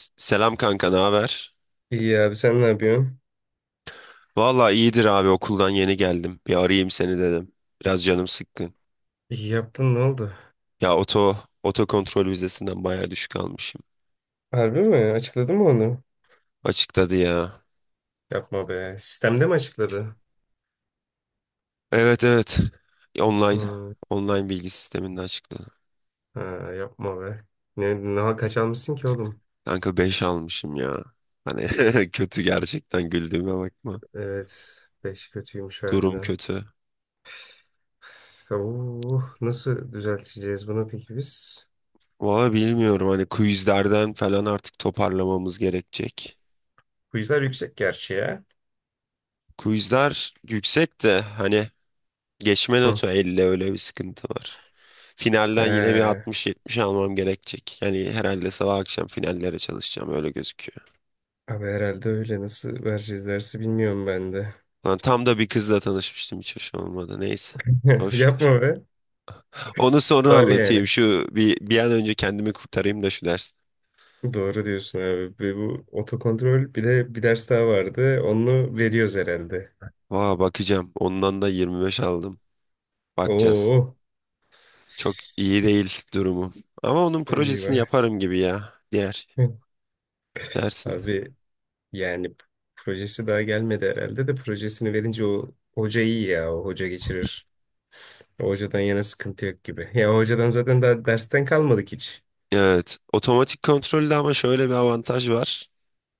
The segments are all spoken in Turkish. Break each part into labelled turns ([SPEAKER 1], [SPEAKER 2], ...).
[SPEAKER 1] Selam kanka, ne haber?
[SPEAKER 2] İyi abi sen ne yapıyorsun?
[SPEAKER 1] Valla iyidir abi, okuldan yeni geldim. Bir arayayım seni dedim. Biraz canım sıkkın.
[SPEAKER 2] İyi yaptın ne oldu?
[SPEAKER 1] Ya oto kontrol vizesinden bayağı düşük almışım.
[SPEAKER 2] Harbi mi? Açıkladı mı onu?
[SPEAKER 1] Açıkladı ya.
[SPEAKER 2] Yapma be. Sistemde mi açıkladı?
[SPEAKER 1] Evet, evet. Online
[SPEAKER 2] Hmm.
[SPEAKER 1] online bilgi sisteminde açıkladı.
[SPEAKER 2] Ha, yapma be. Ne kaç almışsın ki oğlum?
[SPEAKER 1] Kanka 5 almışım ya. Hani kötü, gerçekten güldüğüme bakma.
[SPEAKER 2] Evet. Beş kötüymüş
[SPEAKER 1] Durum
[SPEAKER 2] harbiden.
[SPEAKER 1] kötü.
[SPEAKER 2] Oo, nasıl düzelteceğiz bunu peki biz?
[SPEAKER 1] Valla bilmiyorum, hani quizlerden falan artık toparlamamız gerekecek.
[SPEAKER 2] Quizler yüksek gerçi ya.
[SPEAKER 1] Quizler yüksek de hani geçme
[SPEAKER 2] Hı.
[SPEAKER 1] notu 50, öyle bir sıkıntı var. Finalden yine bir
[SPEAKER 2] He,
[SPEAKER 1] 60-70 almam gerekecek. Yani herhalde sabah akşam finallere çalışacağım, öyle gözüküyor.
[SPEAKER 2] abi herhalde öyle. Nasıl vereceğiz dersi bilmiyorum ben de.
[SPEAKER 1] Lan tam da bir kızla tanışmıştım, hiç hoş olmadı. Neyse. Boş ver.
[SPEAKER 2] Yapma be.
[SPEAKER 1] Onu sonra
[SPEAKER 2] Var
[SPEAKER 1] anlatayım.
[SPEAKER 2] yani.
[SPEAKER 1] Şu bir an önce kendimi kurtarayım da şu ders.
[SPEAKER 2] Doğru diyorsun abi. Ve bu otokontrol bir de bir ders daha vardı. Onu veriyoruz herhalde.
[SPEAKER 1] Vaa, bakacağım. Ondan da 25 aldım. Bakacağız.
[SPEAKER 2] Oo.
[SPEAKER 1] Çok iyi değil durumum. Ama onun projesini
[SPEAKER 2] Eyvah.
[SPEAKER 1] yaparım gibi ya. Diğer dersin.
[SPEAKER 2] Abi yani projesi daha gelmedi herhalde de projesini verince o hoca iyi ya. O hoca geçirir. O hocadan yana sıkıntı yok gibi. Ya o hocadan zaten daha dersten kalmadık hiç.
[SPEAKER 1] Evet. Otomatik kontrolde ama şöyle bir avantaj var.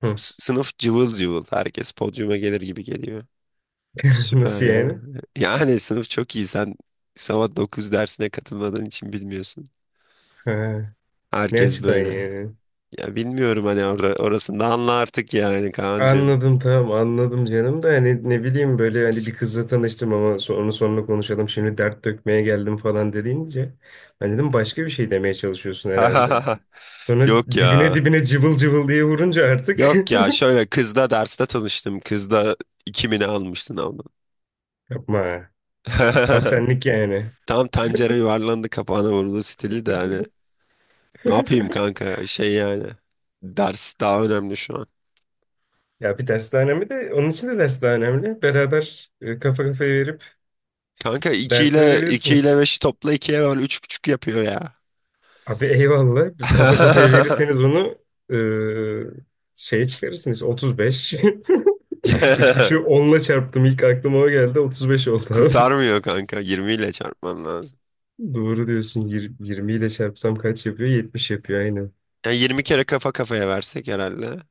[SPEAKER 2] Hı.
[SPEAKER 1] Sınıf cıvıl cıvıl. Herkes podyuma gelir gibi geliyor. Süper
[SPEAKER 2] Nasıl
[SPEAKER 1] ya.
[SPEAKER 2] yani?
[SPEAKER 1] Yani sınıf çok iyi. Sen sabah 9 dersine katılmadığın için bilmiyorsun.
[SPEAKER 2] Ha, ne
[SPEAKER 1] Herkes
[SPEAKER 2] açıdan
[SPEAKER 1] böyle.
[SPEAKER 2] yani?
[SPEAKER 1] Ya bilmiyorum hani, orasını da anla artık yani Kaan'cığım.
[SPEAKER 2] Anladım, tamam anladım canım da hani ne bileyim böyle hani bir kızla tanıştım ama onu sonra konuşalım, şimdi dert dökmeye geldim falan dediğince ben dedim başka bir şey demeye çalışıyorsun herhalde. Sonra
[SPEAKER 1] Yok ya.
[SPEAKER 2] dibine dibine cıvıl cıvıl diye vurunca artık
[SPEAKER 1] Yok ya, şöyle kızla derste tanıştım. Kızla 2000'i almıştın abla.
[SPEAKER 2] yapma, tam senlik yani.
[SPEAKER 1] Tam tencere yuvarlandı kapağına vuruldu stili de hani. Ne yapayım kanka, şey yani. Ders daha önemli şu an.
[SPEAKER 2] Ya bir ders daha önemli de onun için de ders daha önemli. Beraber kafa kafaya verip
[SPEAKER 1] Kanka iki
[SPEAKER 2] dersi
[SPEAKER 1] ile iki ile
[SPEAKER 2] verebilirsiniz.
[SPEAKER 1] beşi topla ikiye var üç buçuk yapıyor ya.
[SPEAKER 2] Abi eyvallah. Kafa kafaya verirseniz onu şeye çıkarırsınız. 35. 3.5'ü onla çarptım. İlk aklıma o geldi. 35 oldu abi.
[SPEAKER 1] Kurtarmıyor kanka. 20 ile çarpman lazım.
[SPEAKER 2] Doğru diyorsun. 20 ile çarpsam kaç yapıyor? 70 yapıyor aynen.
[SPEAKER 1] Yani 20 kere kafa kafaya versek herhalde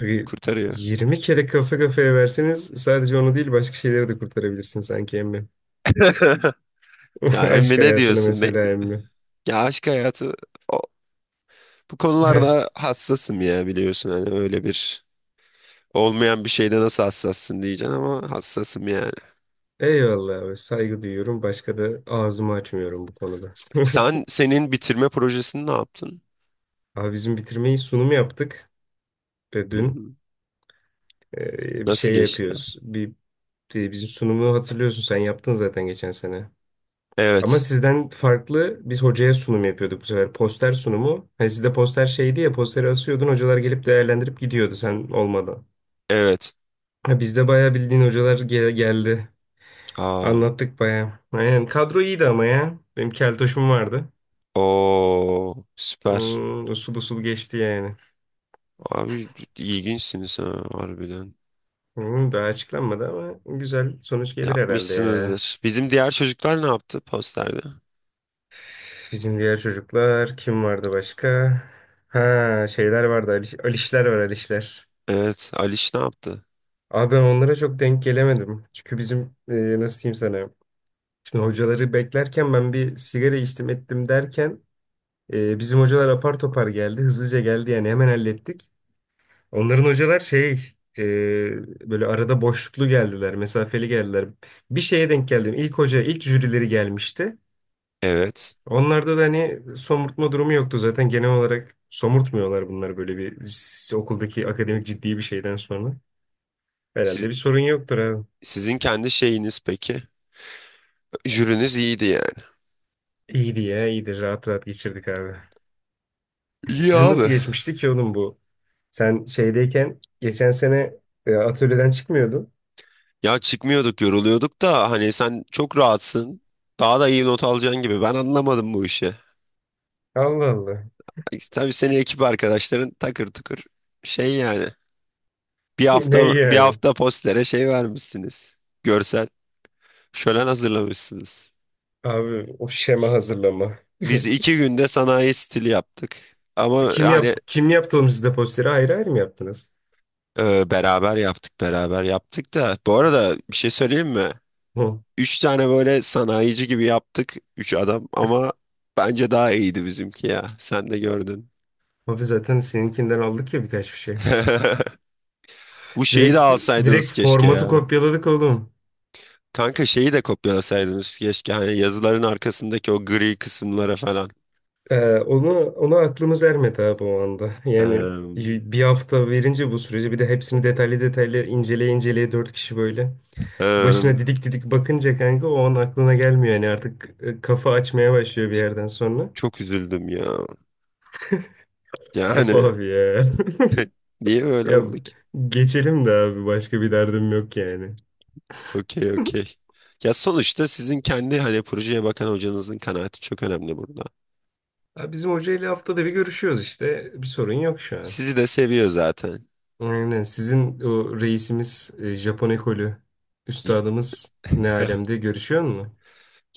[SPEAKER 2] Abi
[SPEAKER 1] kurtarıyor.
[SPEAKER 2] 20 kere kafa kafaya verseniz sadece onu değil başka şeyleri de kurtarabilirsin sanki emmi.
[SPEAKER 1] Ya
[SPEAKER 2] Aşk
[SPEAKER 1] Emre, ne
[SPEAKER 2] hayatını
[SPEAKER 1] diyorsun?
[SPEAKER 2] mesela emmi.
[SPEAKER 1] Ya aşk hayatı, o- bu
[SPEAKER 2] Heh.
[SPEAKER 1] konularda hassasım ya, biliyorsun. Hani öyle bir, olmayan bir şeyde nasıl hassassın diyeceksin ama hassasım yani.
[SPEAKER 2] Eyvallah abi. Saygı duyuyorum. Başka da ağzımı açmıyorum bu konuda.
[SPEAKER 1] Sen senin bitirme projesini ne yaptın?
[SPEAKER 2] Abi bizim bitirmeyi sunum yaptık
[SPEAKER 1] Hı
[SPEAKER 2] dün.
[SPEAKER 1] hı.
[SPEAKER 2] Bir
[SPEAKER 1] Nasıl
[SPEAKER 2] şey
[SPEAKER 1] geçti?
[SPEAKER 2] yapıyoruz. Bizim sunumu hatırlıyorsun, sen yaptın zaten geçen sene. Ama
[SPEAKER 1] Evet.
[SPEAKER 2] sizden farklı biz hocaya sunum yapıyorduk bu sefer. Poster sunumu. Hani sizde poster şeydi ya, posteri asıyordun, hocalar gelip değerlendirip gidiyordu sen olmadan.
[SPEAKER 1] Evet.
[SPEAKER 2] Ha, bizde bayağı bildiğin hocalar geldi.
[SPEAKER 1] Aa.
[SPEAKER 2] Anlattık bayağı. Aynen kadro iyiydi ama ya. Benim keltoşum vardı.
[SPEAKER 1] Oo, süper.
[SPEAKER 2] Usul usul geçti yani.
[SPEAKER 1] Abi ilginçsiniz ha, harbiden.
[SPEAKER 2] Daha açıklanmadı ama güzel sonuç gelir herhalde ya.
[SPEAKER 1] Yapmışsınızdır. Bizim diğer çocuklar ne yaptı posterde?
[SPEAKER 2] Bizim diğer çocuklar kim vardı başka? Ha, şeyler vardı, Ali, Alişler var, Alişler.
[SPEAKER 1] Evet, Aliş ne yaptı?
[SPEAKER 2] Abi ben onlara çok denk gelemedim. Çünkü bizim nasıl diyeyim sana. Şimdi hocaları beklerken ben bir sigara içtim ettim derken bizim hocalar apar topar geldi. Hızlıca geldi yani, hemen hallettik. Onların hocalar şey e, böyle arada boşluklu geldiler. Mesafeli geldiler. Bir şeye denk geldim. İlk hoca, ilk jürileri gelmişti.
[SPEAKER 1] Evet.
[SPEAKER 2] Onlarda da hani somurtma durumu yoktu zaten. Genel olarak somurtmuyorlar bunları, böyle bir okuldaki akademik ciddi bir şeyden sonra. Herhalde
[SPEAKER 1] Siz,
[SPEAKER 2] bir sorun yoktur abi.
[SPEAKER 1] sizin kendi şeyiniz peki? Jüriniz iyiydi yani.
[SPEAKER 2] İyiydi ya, iyidir. Rahat rahat geçirdik abi.
[SPEAKER 1] İyi
[SPEAKER 2] Sizin nasıl
[SPEAKER 1] abi.
[SPEAKER 2] geçmişti ki oğlum bu? Sen şeydeyken geçen sene atölyeden çıkmıyordun.
[SPEAKER 1] Ya çıkmıyorduk, yoruluyorduk da hani, sen çok rahatsın. Daha da iyi not alacaksın gibi. Ben anlamadım bu işi.
[SPEAKER 2] Allah Allah.
[SPEAKER 1] Tabii senin ekip arkadaşların takır tukur, şey yani. Bir
[SPEAKER 2] Ne
[SPEAKER 1] hafta
[SPEAKER 2] iyi
[SPEAKER 1] bir
[SPEAKER 2] yani?
[SPEAKER 1] hafta postere şey vermişsiniz. Görsel şölen hazırlamışsınız.
[SPEAKER 2] Abi o şema hazırlama.
[SPEAKER 1] Biz 2 günde sanayi stili yaptık. Ama
[SPEAKER 2] Kim
[SPEAKER 1] yani
[SPEAKER 2] yap kim yaptı oğlum, sizde posteri ayrı ayrı mı yaptınız?
[SPEAKER 1] beraber yaptık, beraber yaptık da. Bu arada bir şey söyleyeyim mi?
[SPEAKER 2] Hı.
[SPEAKER 1] Üç tane böyle sanayici gibi yaptık. Üç adam, ama bence daha iyiydi bizimki ya. Sen de gördün.
[SPEAKER 2] Abi zaten seninkinden aldık ya birkaç bir şey.
[SPEAKER 1] Bu şeyi de
[SPEAKER 2] Direkt direkt
[SPEAKER 1] alsaydınız keşke
[SPEAKER 2] formatı
[SPEAKER 1] ya.
[SPEAKER 2] kopyaladık oğlum.
[SPEAKER 1] Kanka şeyi de kopyalasaydınız keşke. Hani yazıların arkasındaki o gri kısımlara falan.
[SPEAKER 2] Onu ona aklımız ermedi abi o anda. Yani
[SPEAKER 1] Hem,
[SPEAKER 2] bir hafta verince bu süreci, bir de hepsini detaylı detaylı inceleye inceleye, 4 kişi böyle başına
[SPEAKER 1] hem.
[SPEAKER 2] didik didik bakınca kanka o an aklına gelmiyor yani artık, kafa açmaya başlıyor bir yerden sonra.
[SPEAKER 1] Çok üzüldüm ya.
[SPEAKER 2] Of
[SPEAKER 1] Yani
[SPEAKER 2] abi ya.
[SPEAKER 1] niye böyle
[SPEAKER 2] Ya
[SPEAKER 1] oldu?
[SPEAKER 2] geçelim de abi, başka bir derdim yok yani.
[SPEAKER 1] Okey, okey. Ya sonuçta sizin kendi hani projeye bakan hocanızın kanaati çok önemli burada.
[SPEAKER 2] Ha, bizim hocayla haftada bir görüşüyoruz işte. Bir sorun yok şu an.
[SPEAKER 1] Sizi de seviyor zaten.
[SPEAKER 2] Aynen. Sizin o reisimiz, Japon ekolü
[SPEAKER 1] Y-
[SPEAKER 2] üstadımız ne alemde, görüşüyor mu?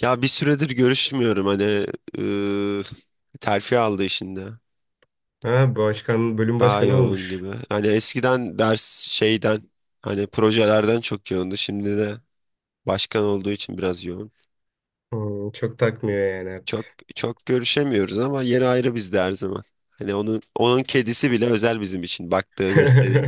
[SPEAKER 1] Ya bir süredir görüşmüyorum hani, ıı, terfi aldı işinde.
[SPEAKER 2] Ha, başkan, bölüm
[SPEAKER 1] Daha
[SPEAKER 2] başkanı
[SPEAKER 1] yoğun
[SPEAKER 2] olmuş.
[SPEAKER 1] gibi. Hani eskiden ders şeyden, hani projelerden çok yoğundu. Şimdi de başkan olduğu için biraz yoğun.
[SPEAKER 2] Çok takmıyor yani
[SPEAKER 1] Çok,
[SPEAKER 2] artık.
[SPEAKER 1] çok görüşemiyoruz ama yeri ayrı bizde her zaman. Hani onun kedisi bile özel bizim için. Baktığı, beslediği.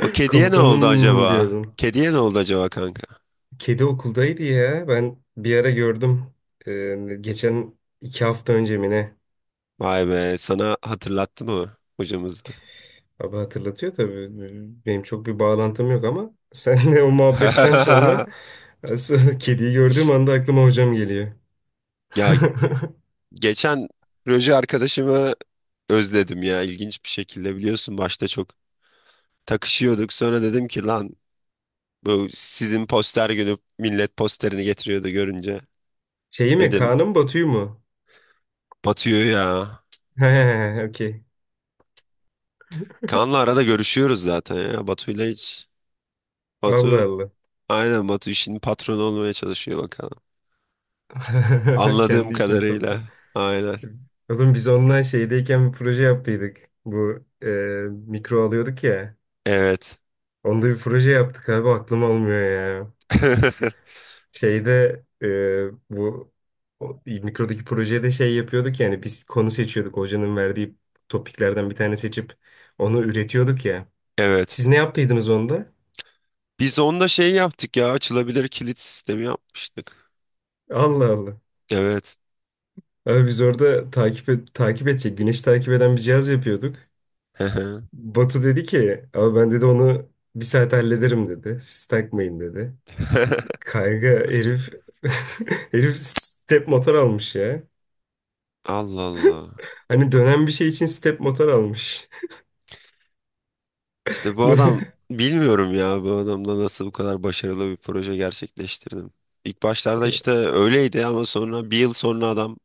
[SPEAKER 1] O kediye ne oldu
[SPEAKER 2] Komutanım
[SPEAKER 1] acaba?
[SPEAKER 2] diyordun.
[SPEAKER 1] Kediye ne oldu acaba kanka?
[SPEAKER 2] Kedi okuldaydı ya. Ben bir ara gördüm. Geçen 2 hafta önce mi ne?
[SPEAKER 1] Vay be, sana hatırlattı mı hocamızı?
[SPEAKER 2] Abi hatırlatıyor tabii. Benim çok bir bağlantım yok ama senle o muhabbetten sonra asıl kediyi gördüğüm anda aklıma hocam geliyor.
[SPEAKER 1] Ya geçen proje arkadaşımı özledim ya, ilginç bir şekilde. Biliyorsun başta çok takışıyorduk, sonra dedim ki lan, bu sizin poster günü millet posterini getiriyordu görünce
[SPEAKER 2] Şeyi mi?
[SPEAKER 1] dedim.
[SPEAKER 2] Kaan'ı mı, Batu'yu mu?
[SPEAKER 1] Batu'yu ya.
[SPEAKER 2] He, okey.
[SPEAKER 1] Kaan'la arada görüşüyoruz zaten ya, Batu'yla hiç.
[SPEAKER 2] Allah
[SPEAKER 1] Batu,
[SPEAKER 2] Allah.
[SPEAKER 1] aynen, Batu işinin patronu olmaya çalışıyor bakalım, anladığım
[SPEAKER 2] Kendi işinin
[SPEAKER 1] kadarıyla.
[SPEAKER 2] patronu.
[SPEAKER 1] Aynen.
[SPEAKER 2] Oğlum biz onunla şeydeyken bir proje yaptıydık. Bu mikro alıyorduk ya.
[SPEAKER 1] Evet.
[SPEAKER 2] Onda bir proje yaptık abi, aklım almıyor ya. Şeyde bu o, mikrodaki projede şey yapıyorduk yani, biz konu seçiyorduk. Hocanın verdiği topiklerden bir tane seçip onu üretiyorduk ya.
[SPEAKER 1] Evet.
[SPEAKER 2] Siz ne yaptıydınız onda?
[SPEAKER 1] Biz onda şey yaptık ya, açılabilir kilit sistemi yapmıştık.
[SPEAKER 2] Allah Allah.
[SPEAKER 1] Evet.
[SPEAKER 2] Abi biz orada takip et, takip edecek, güneş takip eden bir cihaz yapıyorduk. Batu dedi ki, abi ben dedi onu bir saat hallederim dedi. Siz takmayın dedi. Kayga herif, herif step motor almış ya.
[SPEAKER 1] Allah Allah.
[SPEAKER 2] Hani dönen bir şey için step motor almış.
[SPEAKER 1] İşte bu adam, bilmiyorum ya, bu adamla nasıl bu kadar başarılı bir proje gerçekleştirdim. İlk başlarda işte öyleydi ama sonra bir yıl sonra adam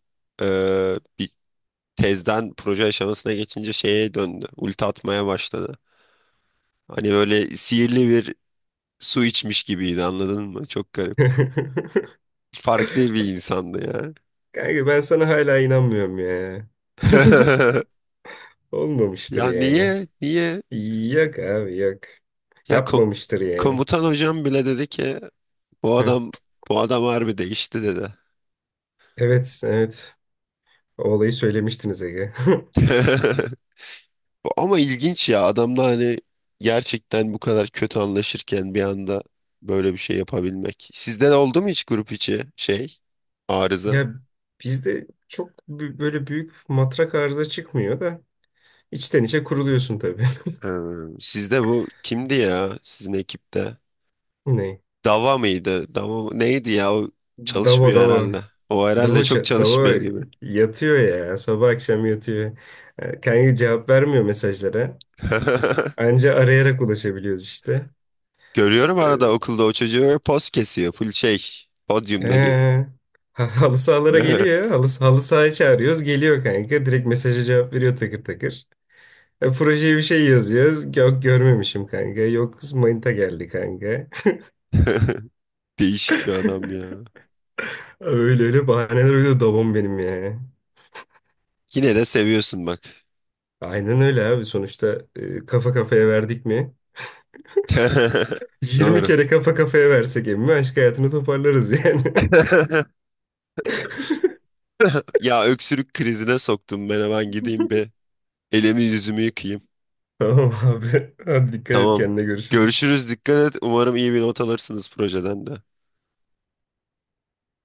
[SPEAKER 1] bir tezden proje aşamasına geçince şeye döndü. Ulti atmaya başladı. Hani böyle sihirli bir su içmiş gibiydi, anladın mı? Çok garip. Farklı bir insandı ya.
[SPEAKER 2] Kanka ben sana hala inanmıyorum ya. Olmamıştır
[SPEAKER 1] Ya
[SPEAKER 2] yani.
[SPEAKER 1] niye? Niye?
[SPEAKER 2] Yok abi yok.
[SPEAKER 1] Ya
[SPEAKER 2] Yapmamıştır yani.
[SPEAKER 1] komutan hocam bile dedi ki bu
[SPEAKER 2] Heh.
[SPEAKER 1] adam bu adam harbi değişti dedi.
[SPEAKER 2] Evet, evet. O olayı söylemiştiniz Ege.
[SPEAKER 1] Ama ilginç ya, adamla hani gerçekten bu kadar kötü anlaşırken bir anda böyle bir şey yapabilmek. Sizde de oldu mu hiç grup içi şey, arıza?
[SPEAKER 2] Ya bizde çok böyle büyük matrak arıza çıkmıyor da içten içe kuruluyorsun tabii.
[SPEAKER 1] Ee, sizde bu kimdi ya sizin ekipte?
[SPEAKER 2] Ne?
[SPEAKER 1] Dava mıydı? Neydi ya o,
[SPEAKER 2] Dava,
[SPEAKER 1] çalışmıyor herhalde.
[SPEAKER 2] Dava.
[SPEAKER 1] O herhalde
[SPEAKER 2] Dava,
[SPEAKER 1] çok
[SPEAKER 2] ça- dava
[SPEAKER 1] çalışmıyor gibi.
[SPEAKER 2] yatıyor ya. Sabah akşam yatıyor. Kanka cevap vermiyor mesajlara. Anca arayarak ulaşabiliyoruz işte.
[SPEAKER 1] Görüyorum arada
[SPEAKER 2] E,
[SPEAKER 1] okulda o çocuğu, poz kesiyor. Full şey. Podyumda gibi.
[SPEAKER 2] he. Halı sahalara geliyor. Halı sahaya çağırıyoruz. Geliyor kanka. Direkt mesaja cevap veriyor takır takır. Projeye bir şey yazıyoruz. Yok, görmemişim kanka. Yok, manita geldi kanka.
[SPEAKER 1] Değişik bir adam ya.
[SPEAKER 2] Öyle öyle bahaneler uydu babam benim yani.
[SPEAKER 1] Yine de seviyorsun bak.
[SPEAKER 2] Aynen öyle abi, sonuçta kafa kafaya verdik mi? Yirmi
[SPEAKER 1] Doğru.
[SPEAKER 2] kere kafa kafaya versek emmi aşk hayatını toparlarız yani.
[SPEAKER 1] Ya öksürük krizine soktum, ben hemen gideyim bir elimi yüzümü yıkayayım.
[SPEAKER 2] Tamam abi. Hadi dikkat et
[SPEAKER 1] Tamam.
[SPEAKER 2] kendine, görüşürüz.
[SPEAKER 1] Görüşürüz, dikkat et. Umarım iyi bir not alırsınız projeden de.